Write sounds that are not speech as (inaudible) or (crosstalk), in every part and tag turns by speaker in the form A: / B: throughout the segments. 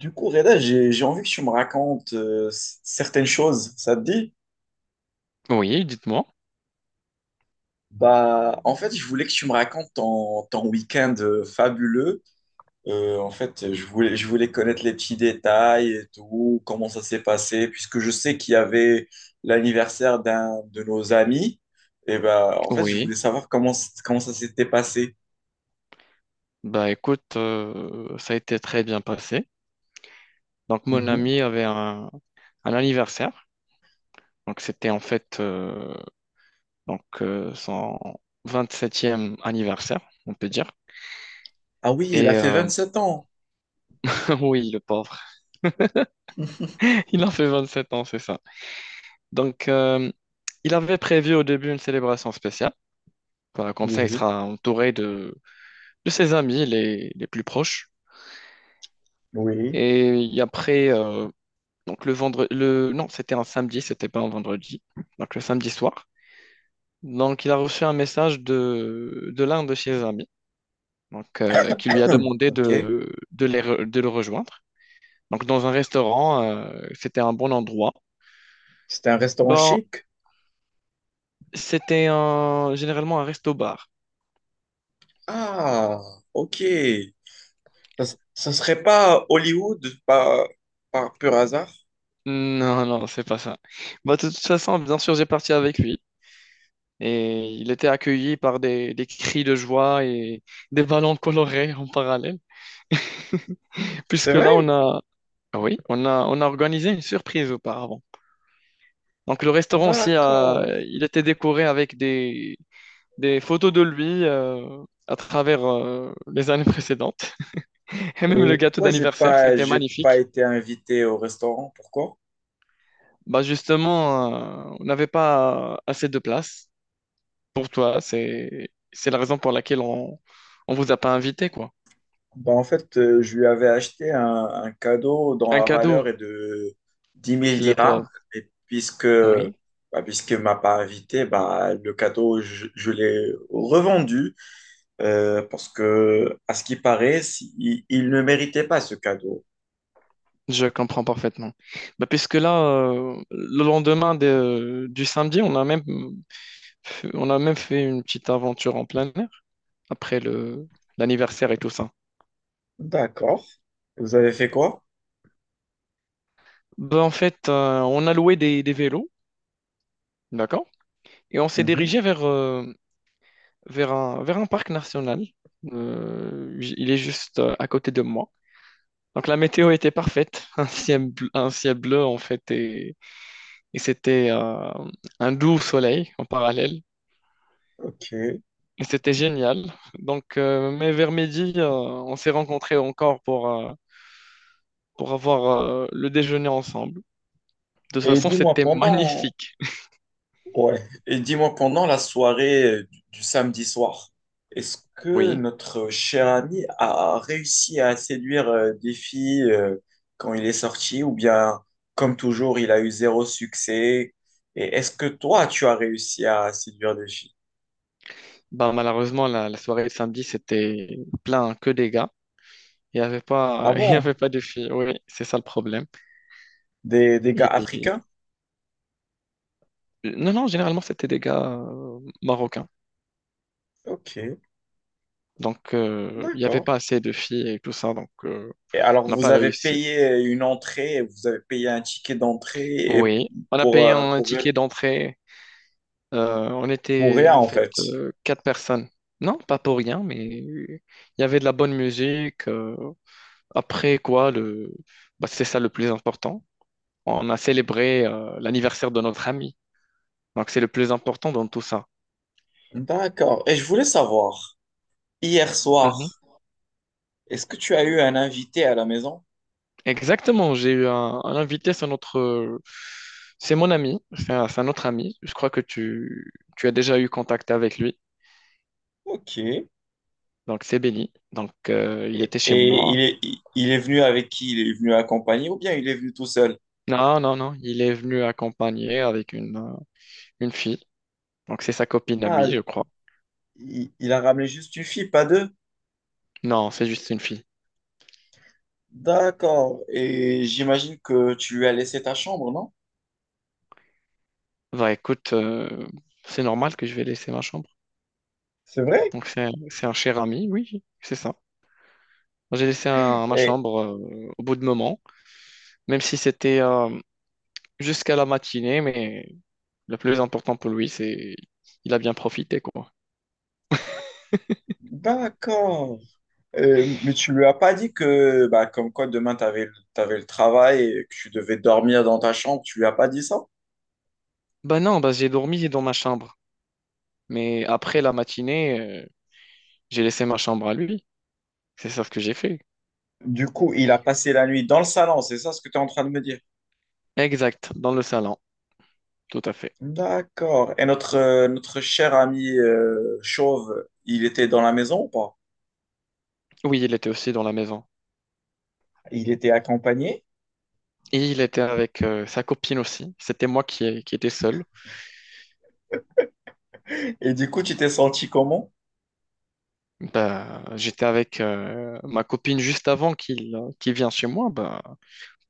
A: Du coup, Reda, j'ai envie que tu me racontes certaines choses, ça te dit?
B: Oui, dites-moi.
A: Bah, en fait, je voulais que tu me racontes ton week-end fabuleux. En fait, je voulais connaître les petits détails et tout, comment ça s'est passé, puisque je sais qu'il y avait l'anniversaire d'un de nos amis. Et bah, en fait, je
B: Oui.
A: voulais savoir comment ça s'était passé.
B: Bah écoute, ça a été très bien passé. Donc mon
A: Mhm.
B: ami avait un anniversaire. Donc c'était en fait son vingt-septième anniversaire, on peut dire.
A: Ah oui, il a
B: Et
A: fait
B: euh,
A: 27 ans.
B: (laughs) oui, le pauvre. (laughs) Il en fait 27 ans, c'est ça. Donc euh, il avait prévu au début une célébration spéciale. Voilà, comme ça, il
A: Oui,
B: sera entouré de ses amis les plus proches.
A: oui.
B: Et après, euh, Donc le vendredi, le... non, c'était un samedi, c'était pas un vendredi. Donc le samedi soir. Donc il a reçu un message de l'un de ses amis,
A: (coughs)
B: qui lui a
A: (clears throat)
B: demandé
A: Ok.
B: de le rejoindre. Donc dans un restaurant, c'était un bon endroit.
A: C'était un restaurant
B: Bon,
A: chic?
B: c'était un... généralement un resto-bar.
A: Ah, ok. Ça serait pas Hollywood par pur hasard?
B: Non, non, c'est pas ça. Bah, de toute façon, bien sûr, j'ai parti avec lui. Et il était accueilli par des cris de joie et des ballons colorés en parallèle.
A: C'est
B: Puisque là,
A: vrai?
B: on a, Ah oui, on a organisé une surprise auparavant. Donc le restaurant aussi,
A: D'accord.
B: il était décoré avec des photos de lui à travers les années précédentes. (laughs) Et même
A: Et
B: le gâteau
A: pourquoi
B: d'anniversaire, c'était
A: j'ai pas
B: magnifique.
A: été invité au restaurant? Pourquoi?
B: Bah justement, on n'avait pas assez de place pour toi. C'est la raison pour laquelle on ne vous a pas invité, quoi.
A: Bah en fait, je lui avais acheté un cadeau dont
B: Un
A: la valeur est
B: cadeau,
A: de dix mille
B: le
A: dirhams.
B: pauvre.
A: Et puisque,
B: Oui,
A: bah, puisqu'il ne m'a pas invité, bah, le cadeau, je l'ai revendu parce que, à ce qui paraît, il ne méritait pas ce cadeau.
B: je comprends parfaitement. Bah, puisque là, le lendemain du samedi, on a même fait une petite aventure en plein air après le l'anniversaire et tout ça.
A: D'accord. Vous avez fait quoi?
B: Ben, en fait, on a loué des vélos, d'accord? Et on s'est dirigé vers vers un parc national. Il est juste à côté de moi. Donc la météo était parfaite, (laughs) un ciel bleu en fait, et c'était un doux soleil en parallèle.
A: Ok.
B: Et c'était génial. Donc, mais vers midi, on s'est rencontrés encore pour avoir le déjeuner ensemble. De toute
A: Et
B: façon, c'était magnifique.
A: ouais. Et dis-moi pendant la soirée du samedi soir, est-ce que
B: Oui.
A: notre cher ami a réussi à séduire des filles quand il est sorti ou bien, comme toujours, il a eu zéro succès? Et est-ce que toi, tu as réussi à séduire des filles?
B: Bah, malheureusement, la soirée de samedi, c'était plein que des gars. Il n'y avait pas,
A: Ah
B: (laughs) il y
A: bon?
B: avait pas de filles. Oui, c'est ça le problème.
A: Des
B: Et-
A: gars
B: et-
A: africains?
B: Non, non, généralement, c'était des gars marocains.
A: Ok,
B: Donc, il n'y avait
A: d'accord.
B: pas assez de filles et tout ça. Donc,
A: Et alors,
B: on n'a
A: vous
B: pas
A: avez
B: réussi.
A: payé une entrée, vous avez payé un ticket d'entrée et
B: Oui. On a
A: pour,
B: payé
A: euh,
B: un
A: pour
B: ticket d'entrée. On
A: pour
B: était
A: rien,
B: en
A: en
B: fait
A: fait.
B: quatre personnes. Non, pas pour rien, mais il y avait de la bonne musique. Après quoi, le... bah, c'est ça le plus important. On a célébré l'anniversaire de notre ami. Donc, c'est le plus important dans tout ça.
A: D'accord. Et je voulais savoir, hier
B: Mhm.
A: soir, est-ce que tu as eu un invité à la maison?
B: Exactement, j'ai eu un invité, c'est notre... c'est mon ami, c'est c'est un autre ami. Je crois que tu as déjà eu contact avec lui.
A: Ok.
B: Donc, c'est Benny. Donc, il
A: Et
B: était chez moi.
A: il est venu avec qui? Il est venu accompagné ou bien il est venu tout seul?
B: Non, non, non, il est venu accompagner avec une fille. Donc, c'est sa copine à lui,
A: Ah,
B: je crois.
A: il a ramené juste une fille, pas deux.
B: Non, c'est juste une fille.
A: D'accord. Et j'imagine que tu lui as laissé ta chambre, non?
B: Bah, écoute, c'est normal que je vais laisser ma chambre.
A: C'est vrai?
B: Donc c'est c'est un cher ami, oui, c'est ça. J'ai laissé ma
A: Et,
B: chambre au bout de moment, même si c'était jusqu'à la matinée, mais le plus important pour lui, c'est il a bien profité, quoi.
A: d'accord. Mais tu lui as pas dit que, bah, comme quoi demain, tu avais, le t'avais le travail et que tu devais dormir dans ta chambre. Tu lui as pas dit ça?
B: Bah non, bah j'ai dormi dans ma chambre, mais après la matinée, j'ai laissé ma chambre à lui. C'est ça ce que j'ai fait.
A: Du coup, il a passé la nuit dans le salon, c'est ça ce que tu es en train de me dire?
B: Exact, dans le salon, tout à fait.
A: D'accord. Et notre, notre cher ami Chauve, il était dans la maison ou pas?
B: Oui, il était aussi dans la maison.
A: Il était accompagné.
B: Et il était avec sa copine aussi. C'était moi qui étais seul.
A: Et du coup, tu t'es senti comment?
B: Bah, j'étais avec ma copine juste avant qu'il vienne chez moi. Bah,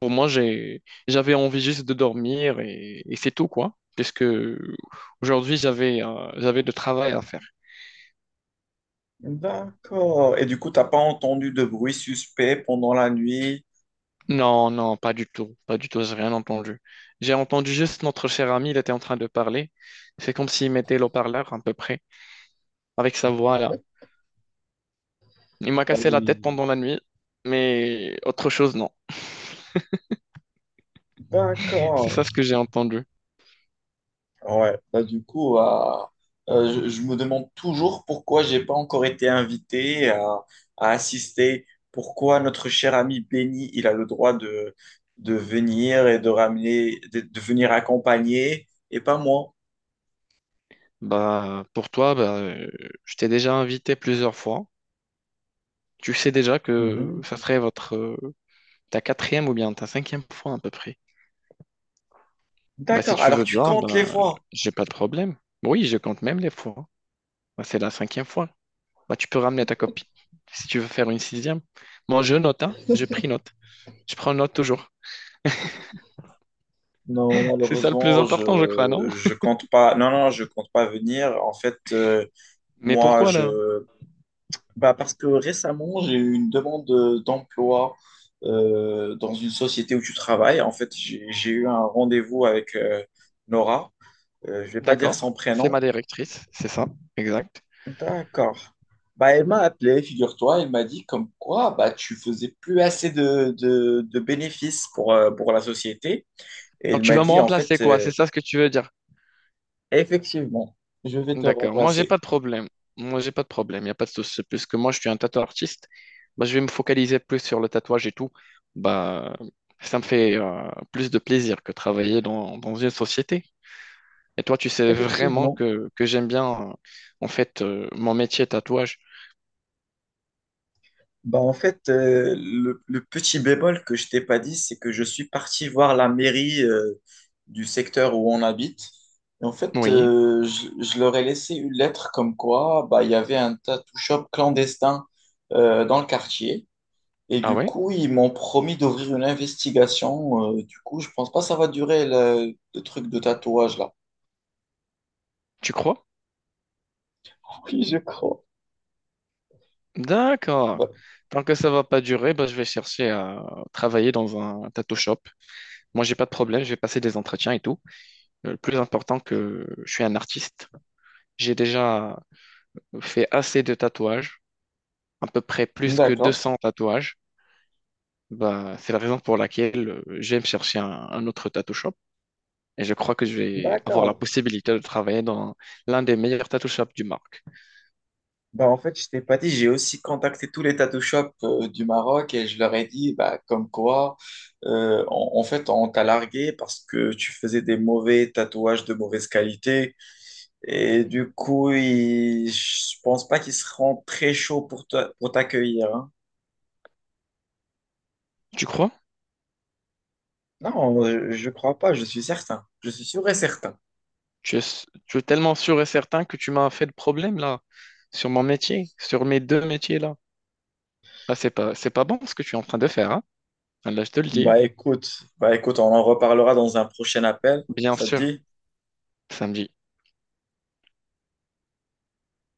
B: pour moi, j'avais envie juste de dormir et c'est tout, quoi. Puisque aujourd'hui, j'avais de travail à faire.
A: D'accord. Et du coup, t'as pas entendu de bruit suspect pendant la nuit?
B: Non, non, pas du tout. Pas du tout, j'ai rien entendu. J'ai entendu juste notre cher ami, il était en train de parler. C'est comme s'il mettait le parleur à peu près, avec sa voix là. Il m'a
A: Ah
B: cassé la tête
A: oui.
B: pendant la nuit, mais autre chose, non. (laughs) C'est
A: D'accord.
B: ça ce que j'ai entendu.
A: Ouais, bah du coup, je me demande toujours pourquoi j'ai pas encore été invité à assister, pourquoi notre cher ami Benny, il a le droit de venir et de ramener, de venir accompagner et pas moi.
B: Bah, pour toi, bah, je t'ai déjà invité plusieurs fois. Tu sais déjà que
A: Mhm.
B: ça serait votre, ta quatrième ou bien ta cinquième fois à peu près. Bah, si
A: D'accord,
B: tu
A: alors
B: veux
A: tu
B: bien,
A: comptes
B: bah,
A: les fois.
B: j'ai pas de problème. Oui, je compte même les fois. Bah, c'est la cinquième fois. Bah, tu peux ramener ta copine si tu veux faire une sixième. Moi, je note, hein. Je pris note. Je prends note toujours.
A: Non,
B: (laughs) C'est ça le plus
A: malheureusement,
B: important, je crois, non?
A: je compte pas. Non, non, je compte pas venir. En fait,
B: Mais
A: moi,
B: pourquoi là?
A: je, bah parce que récemment, j'ai eu une demande d'emploi dans une société où tu travailles. En fait, j'ai eu un rendez-vous avec Nora. Je vais pas dire
B: D'accord.
A: son
B: C'est
A: prénom.
B: ma directrice, c'est ça, exact.
A: D'accord. Bah, elle m'a appelé, figure-toi. Elle m'a dit comme quoi bah, tu faisais plus assez de bénéfices pour la société. Et
B: Donc
A: elle
B: tu
A: m'a
B: vas me
A: dit en
B: remplacer
A: fait,
B: quoi? C'est ça ce que tu veux dire?
A: effectivement, je vais te
B: D'accord. Moi, j'ai
A: remplacer.
B: pas de problème. Moi, j'ai pas de problème. Il n'y a pas de souci. Puisque moi, je suis un tatoueur artiste, bah, je vais me focaliser plus sur le tatouage et tout. Bah, ça me fait plus de plaisir que travailler dans une société. Et toi, tu sais vraiment
A: Effectivement.
B: que j'aime bien, en fait, mon métier tatouage.
A: Bah en fait, le petit bémol que je t'ai pas dit, c'est que je suis parti voir la mairie du secteur où on habite. Et en fait,
B: Oui.
A: je leur ai laissé une lettre comme quoi bah, il y avait un tattoo shop clandestin dans le quartier. Et
B: Ah
A: du
B: ouais?
A: coup, ils m'ont promis d'ouvrir une investigation. Du coup, je pense pas que ça va durer le truc de tatouage là.
B: Tu crois?
A: (laughs) Oui, je crois.
B: D'accord.
A: Bah,
B: Tant que ça va pas durer, bah, je vais chercher à travailler dans un tattoo shop. Moi, j'ai pas de problème. Je vais passer des entretiens et tout. Le plus important que je suis un artiste. J'ai déjà fait assez de tatouages, à peu près plus que
A: d'accord.
B: 200 tatouages. Bah, c'est la raison pour laquelle j'aime chercher un autre tattoo shop. Et je crois que je vais avoir la
A: D'accord.
B: possibilité de travailler dans l'un des meilleurs tattoo shops du marque.
A: Bah, en fait, je t'ai pas dit, j'ai aussi contacté tous les tattoo shops du Maroc et je leur ai dit, bah, comme quoi, en fait, on t'a largué parce que tu faisais des mauvais tatouages de mauvaise qualité. Et du coup, je pense pas qu'ils seront très chauds pour pour t'accueillir, hein.
B: Tu crois?
A: Non, je crois pas, je suis certain. Je suis sûr et certain.
B: Tu es, tu es tellement sûr et certain que tu m'as fait de problème là, sur mon métier, sur mes deux métiers là. Ah, c'est pas bon ce que tu es en train de faire, hein. Là, je te le dis.
A: Bah écoute, bah écoute, on en reparlera dans un prochain appel.
B: Bien
A: Ça te
B: sûr,
A: dit?
B: samedi.